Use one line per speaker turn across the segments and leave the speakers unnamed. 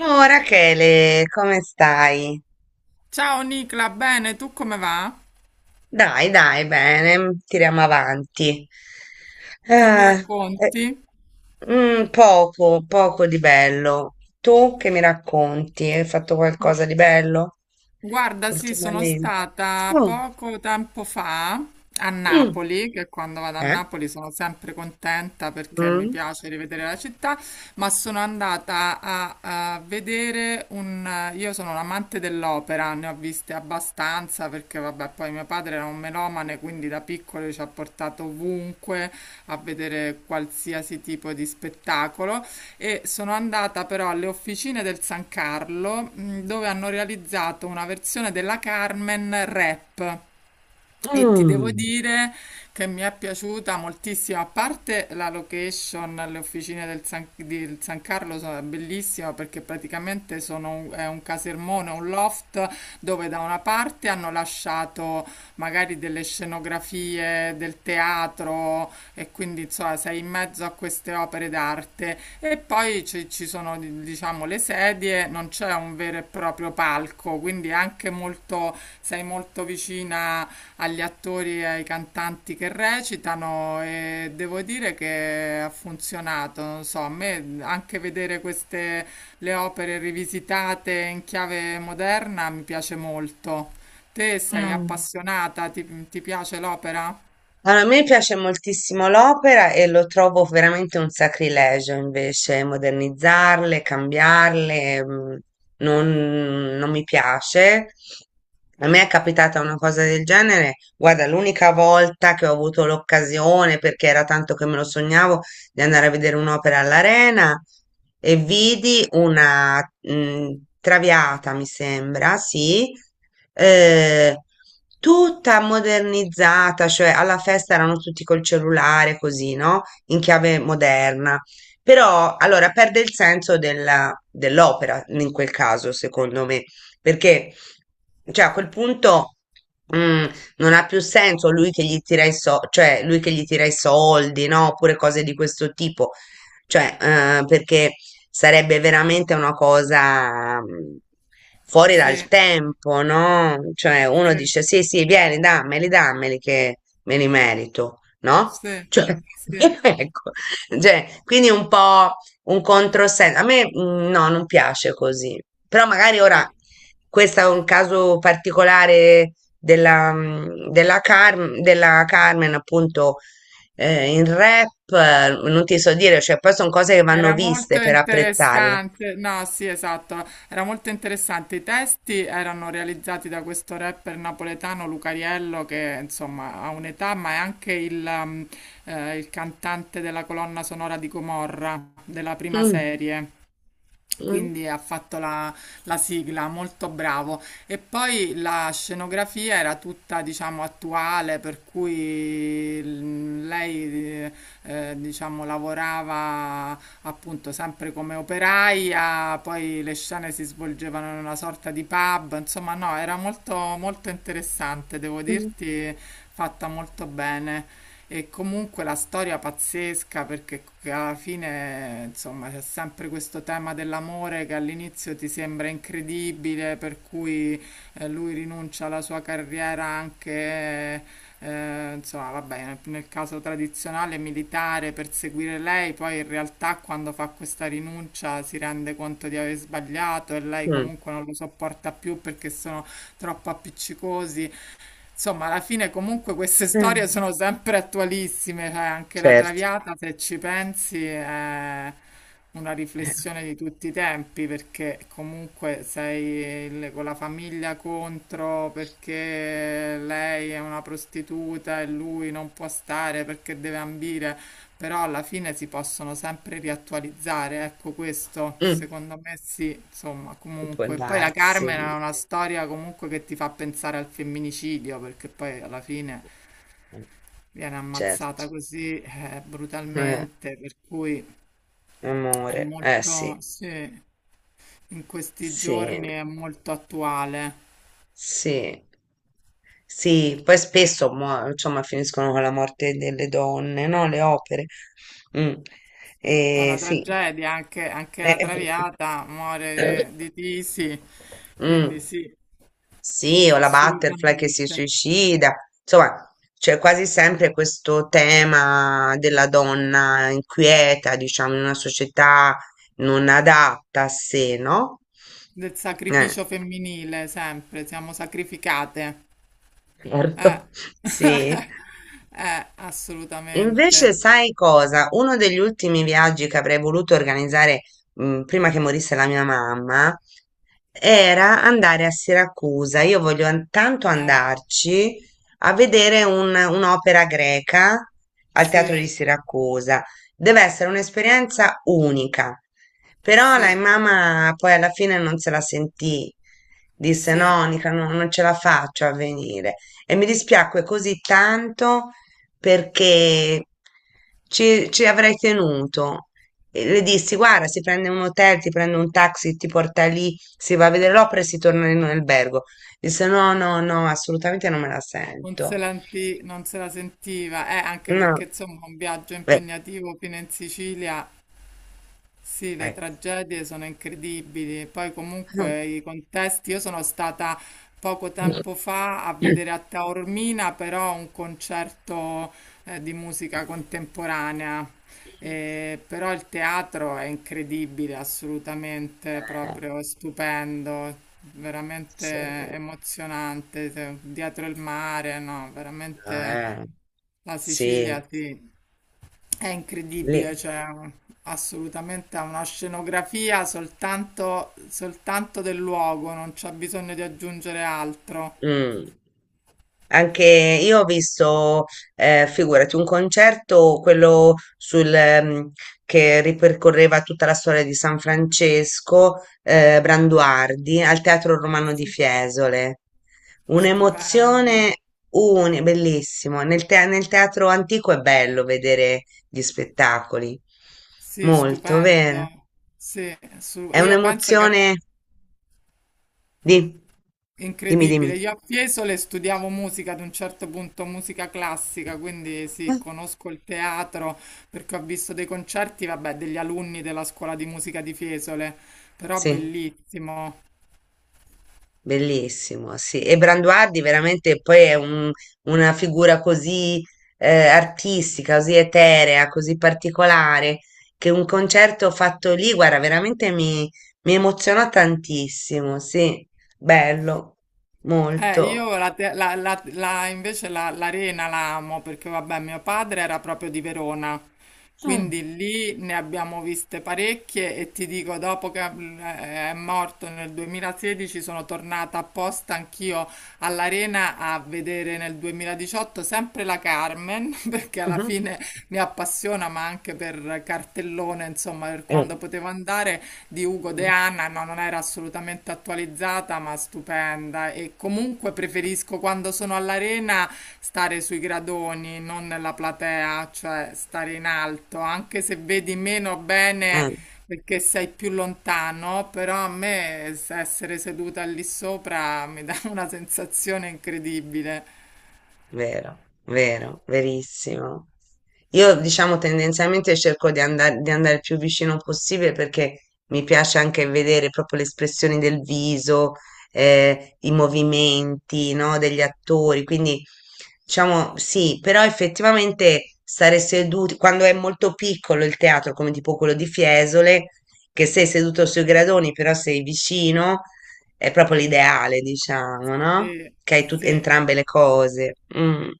Oh, Rachele, come stai?
Ciao Nicla, bene, tu come va?
Dai, dai, bene, tiriamo avanti.
Che mi
Eh, eh,
racconti?
poco, poco di bello. Tu che mi racconti? Hai fatto
Gu-
qualcosa di bello
Guarda, sì, sono
ultimamente?
stata
Mm,
poco tempo fa a
mm,
Napoli, che quando vado a
eh?
Napoli sono sempre contenta perché mi
Mm,
piace rivedere la città, ma sono andata a vedere un... Io sono un amante dell'opera, ne ho viste abbastanza perché vabbè, poi mio padre era un melomane, quindi da piccolo ci ha portato ovunque a vedere qualsiasi tipo di spettacolo. E sono andata però alle officine del San Carlo dove hanno realizzato una versione della Carmen rap e ti devo
mm,
dire che mi è piaciuta moltissimo, a parte la location, le officine del San Carlo sono bellissime perché praticamente è un casermone, un loft dove da una parte hanno lasciato magari delle scenografie del teatro, e quindi insomma, sei in mezzo a queste opere d'arte e poi ci sono diciamo le sedie, non c'è un vero e proprio palco, quindi è anche sei molto vicina agli attori e ai cantanti che recitano e devo dire che ha funzionato, non so, a me anche vedere queste le opere rivisitate in chiave moderna mi piace molto. Te sei
mm.
appassionata? Ti piace l'opera?
Allora, a me piace moltissimo l'opera e lo trovo veramente un sacrilegio invece modernizzarle, cambiarle, non mi piace. A me è capitata una cosa del genere, guarda, l'unica volta che ho avuto l'occasione, perché era tanto che me lo sognavo, di andare a vedere un'opera all'Arena e vidi una Traviata, mi sembra, sì, eh, tutta modernizzata, cioè alla festa erano tutti col cellulare, così, no? In chiave moderna. Però allora perde il senso dell'opera in quel caso, secondo me, perché cioè, a quel punto. mm, Non ha più senso lui che gli tira i so- cioè lui che gli tira i soldi, no? Oppure cose di questo tipo. Cioè, perché sarebbe veramente una cosa fuori
Sì,
dal tempo, no? Cioè, uno
sì.
dice sì, sì, vieni, dammeli, dammeli che me li merito, no?
Sì,
Cioè,
sì.
ecco, cioè, quindi un po' un controsenso. A me no, non piace così. Però magari
Ah,
ora questo è un caso particolare della Carmen, appunto, in rap, non ti so dire, cioè poi sono cose che vanno
era
viste
molto
per apprezzarle.
interessante, no, sì, esatto, era molto interessante. I testi erano realizzati da questo rapper napoletano Lucariello, che insomma ha un'età, ma è anche il cantante della colonna sonora di Gomorra, della prima
Mm,
serie.
mm,
Quindi ha fatto la sigla, molto bravo. E poi la scenografia era tutta, diciamo, attuale, per cui lei, diciamo, lavorava appunto sempre come operaia, poi le scene si svolgevano in una sorta di pub, insomma, no, era molto interessante, devo
mm,
dirti, fatta molto bene. E comunque la storia pazzesca perché alla fine, insomma, c'è sempre questo tema dell'amore che all'inizio ti sembra incredibile, per cui lui rinuncia alla sua carriera anche, insomma, vabbè, nel caso tradizionale militare per seguire lei, poi in realtà quando fa questa rinuncia si rende conto di aver sbagliato e lei
mm,
comunque non lo sopporta più perché sono troppo appiccicosi. Insomma, alla fine comunque queste storie
mm.
sono sempre attualissime, cioè anche la
Certo,
Traviata, se ci pensi, è una
eh,
riflessione di tutti i tempi, perché comunque sei con la famiglia contro, perché lei è una prostituta e lui non può stare perché deve ambire. Però alla fine si possono sempre riattualizzare, ecco questo,
mm,
secondo me sì, insomma,
può
comunque. Poi la
darsi,
Carmen è una storia comunque che ti fa pensare al femminicidio, perché poi alla fine
eh,
viene
certo,
ammazzata così
eh,
brutalmente, per cui è
amore, eh
molto,
sì,
sì, in questi
sì.
giorni è molto attuale.
Sì, sì, poi spesso insomma, finiscono con la morte delle donne, no? Le opere. Mm.
Sì, è una
Sì.
tragedia, anche, anche
Eh,
la Traviata
eh,
muore di tisi,
mm.
quindi sì,
Sì, o la butterfly che
assolutamente.
si suicida, insomma, c'è quasi sempre questo tema della donna inquieta, diciamo, in una società non adatta a sé, no?
Del
Eh,
sacrificio femminile, sempre, siamo sacrificate. Eh,
certo, sì.
assolutamente.
Invece, sai cosa? Uno degli ultimi viaggi che avrei voluto organizzare, prima che morisse la mia mamma era andare a Siracusa. Io voglio tanto
Eh,
andarci a vedere un'opera greca al Teatro
sì,
di Siracusa. Deve essere un'esperienza unica. Però la
sì,
mamma poi alla fine non se la sentì. Disse:
sì.
No, Nica, non ce la faccio a venire. E mi dispiacque così tanto perché ci avrei tenuto. E le dissi, guarda, si prende un hotel, ti prende un taxi, ti porta lì, si va a vedere l'opera e si torna in un albergo. Disse, no, no, no, assolutamente non me la
Non se
sento.
la, non se la sentiva, anche
No,
perché insomma un viaggio
beh,
impegnativo fino in Sicilia. Sì, le
eh.
tragedie sono incredibili. E poi comunque i contesti, io sono stata poco tempo fa a
Eh,
vedere a Taormina però un concerto di musica contemporanea. E però il teatro è incredibile, assolutamente, proprio stupendo, veramente
sì,
emozionante, dietro il mare, no, veramente
eh,
la
sì.
Sicilia, sì. È
Lì.
incredibile, cioè assolutamente ha una scenografia soltanto, soltanto del luogo, non c'è bisogno di aggiungere altro.
Mm. Anche io ho visto, figurati, un concerto, quello sul, che ripercorreva tutta la storia di San Francesco, Branduardi, al Teatro Romano di
Sì.
Fiesole.
Stupendo,
Un'emozione unica, bellissimo. Nel teatro antico è bello vedere gli spettacoli.
sì,
Molto, vero?
stupendo. Sì,
È
io penso che
un'emozione di.
è
Dimmi,
incredibile.
dimmi.
Io a Fiesole studiavo musica ad un certo punto, musica classica, quindi sì,
Eh,
conosco il teatro perché ho visto dei concerti, vabbè, degli alunni della scuola di musica di Fiesole, però
Sì.
bellissimo.
Bellissimo, sì. E Branduardi veramente poi è una figura così artistica, così eterea, così particolare, che un concerto fatto lì, guarda, veramente mi emozionò tantissimo, sì, bello, molto.
Io la, te- la- la- la- invece la- l'arena la amo perché vabbè, mio padre era proprio di Verona,
Ah.
quindi lì ne abbiamo viste parecchie e ti dico, dopo che è morto nel 2016 sono tornata apposta anch'io all'arena a vedere nel 2018 sempre la Carmen, perché alla
Mhm.
fine mi appassiona, ma anche per cartellone, insomma, per
Eh.
quando potevo andare di Ugo De
Mm.
Anna, no, non era assolutamente attualizzata, ma stupenda. E comunque preferisco quando sono all'arena stare sui gradoni, non nella platea, cioè stare in alto, anche se vedi meno bene
Eh.
perché sei più lontano, però a me essere seduta lì sopra mi dà una sensazione incredibile.
Vero, vero, verissimo. Io diciamo tendenzialmente cerco di andare il più vicino possibile perché mi piace anche vedere proprio le espressioni del viso, i movimenti, no, degli attori. Quindi diciamo sì, però effettivamente stare seduti, quando è molto piccolo il teatro, come tipo quello di Fiesole, che sei seduto sui gradoni, però sei vicino, è proprio l'ideale, diciamo, no?
Sì,
Che hai
sì.
entrambe le cose. Mm.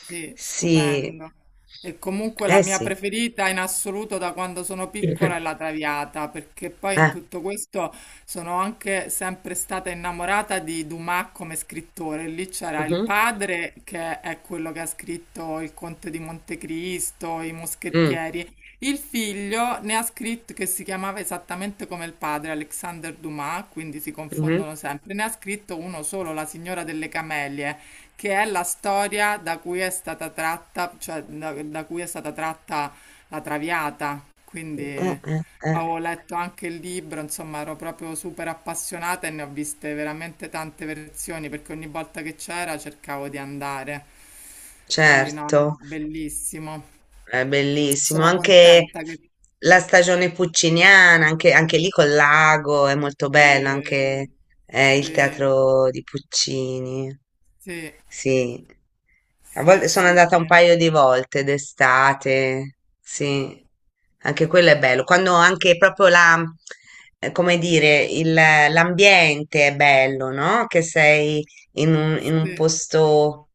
Sì,
Sì,
stupendo. E comunque la
eh
mia
sì.
preferita in assoluto da quando sono piccola è la Traviata, perché poi in
Eh.
tutto questo sono anche sempre stata innamorata di Dumas come scrittore. Lì c'era il
Mhm,
padre, che è quello che ha scritto Il Conte di Montecristo, I
mm,
Moschettieri. Il figlio ne ha scritto che si chiamava esattamente come il padre, Alexander Dumas, quindi si
mhm.
confondono sempre. Ne ha scritto uno solo, La signora delle camelie che è la storia da cui è stata tratta, cioè da cui è stata tratta la Traviata. Quindi
Eh, eh, eh.
avevo letto anche il libro, insomma, ero proprio super appassionata e ne ho viste veramente tante versioni perché ogni volta che c'era cercavo di andare. Quindi no,
Certo.
no, bellissimo.
È bellissimo,
Sono
anche
contenta che
la stagione pucciniana, anche lì col lago, è molto bello,
eh,
anche il
sì,
teatro di Puccini.
sì,
Sì, a
sì,
volte sono andata un
assolutamente.
paio di volte d'estate, sì, anche quello è bello, quando anche proprio la, come dire, l'ambiente è bello, no? Che sei in un
Sì,
posto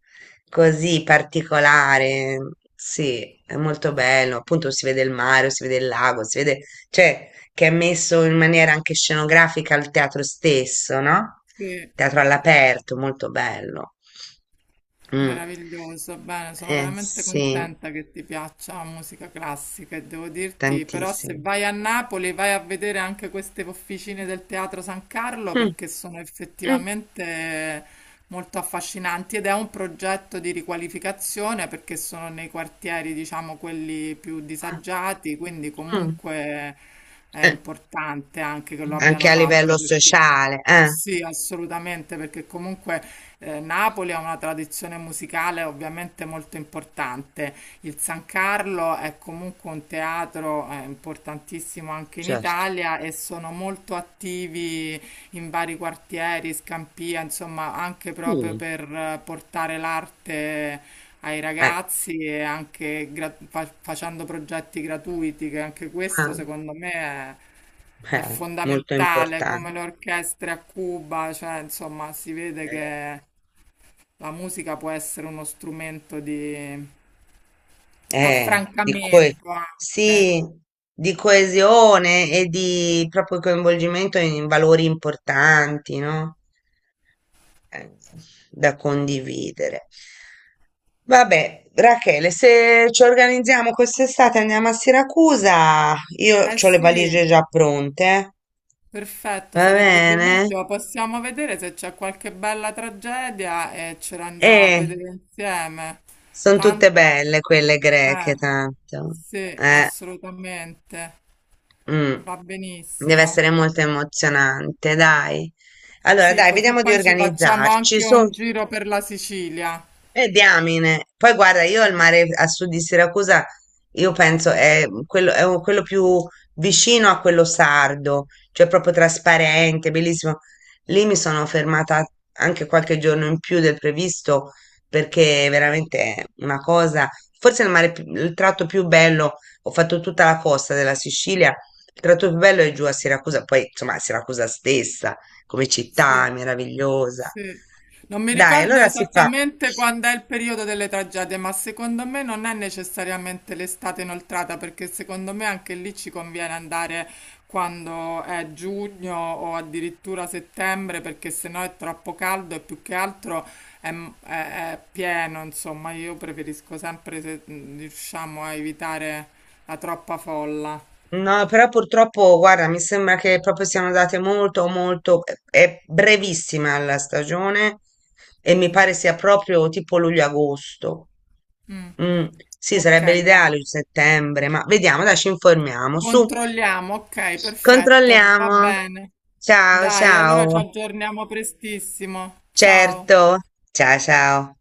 così particolare. Sì, è molto bello. Appunto si vede il mare, si vede il lago, si vede, cioè che è messo in maniera anche scenografica al teatro stesso, no?
sì.
Teatro all'aperto, molto bello. Mm.
Meraviglioso, bene, sono veramente
Sì,
contenta che ti piaccia la musica classica e devo dirti, però se
tantissimo.
vai a Napoli vai a vedere anche queste officine del Teatro San Carlo
Mm,
perché sono
mm,
effettivamente molto affascinanti ed è un progetto di riqualificazione perché sono nei quartieri, diciamo, quelli più
ah,
disagiati, quindi
mm.
comunque è
Eh,
importante anche che lo
anche
abbiano
a
fatto
livello
perché...
sociale,
Sì, assolutamente, perché comunque Napoli ha una tradizione musicale ovviamente molto importante. Il San Carlo è comunque un teatro importantissimo anche in
certo.
Italia e sono molto attivi in vari quartieri, Scampia, insomma, anche proprio
Mm,
per portare l'arte ai
eh,
ragazzi e anche facendo progetti gratuiti, che anche questo
ah,
secondo me è
molto
fondamentale, come
importante.
le orchestre a Cuba, cioè, insomma, si vede che la musica può essere uno strumento di
eh, di coe-
affrancamento anche.
sì, di coesione e di proprio coinvolgimento in valori importanti, no? Eh, Da condividere. Vabbè, Rachele, se ci organizziamo quest'estate andiamo a Siracusa, io
Eh
ho le
sì.
valigie già pronte,
Perfetto,
va
sarebbe
bene?
bellissimo. Possiamo vedere se c'è qualche bella tragedia e ce la andiamo a
E
vedere insieme.
sono tutte
Tanto,
belle quelle greche,
eh,
tanto.
sì,
Eh.
assolutamente,
Mm.
va
Deve
benissimo.
essere molto emozionante, dai. Allora,
Sì,
dai,
così
vediamo di
poi ci facciamo
organizzarci.
anche
Su.
un giro per la Sicilia.
Diamine. Poi guarda, io al
Mm.
mare a sud di Siracusa, io penso è quello, è quello più vicino a quello sardo, cioè proprio trasparente, bellissimo. Lì mi sono fermata anche qualche giorno in più del previsto perché veramente è una cosa, forse il mare, il tratto più bello, ho fatto tutta la costa della Sicilia, il tratto più bello è giù a Siracusa, poi insomma Siracusa stessa, come
Sì.
città, è meravigliosa.
Sì. Non mi
Dai,
ricordo
allora si fa.
esattamente quando è il periodo delle tragedie, ma secondo me non è necessariamente l'estate inoltrata, perché secondo me anche lì ci conviene andare quando è giugno o addirittura settembre, perché sennò è troppo caldo e più che altro è, è pieno, insomma, io preferisco sempre se riusciamo a evitare la troppa folla.
No, però purtroppo, guarda, mi sembra che proprio siano andate molto, molto, è brevissima la stagione e mi pare sia proprio tipo luglio-agosto.
Mm.
Mm, sì,
Ok,
sarebbe
dai.
l'ideale il settembre, ma vediamo, dai, ci informiamo. Su,
Controlliamo, ok, perfetto, va
controlliamo.
bene.
Ciao,
Dai, allora ci
ciao.
aggiorniamo prestissimo. Ciao.
Certo. Ciao, ciao.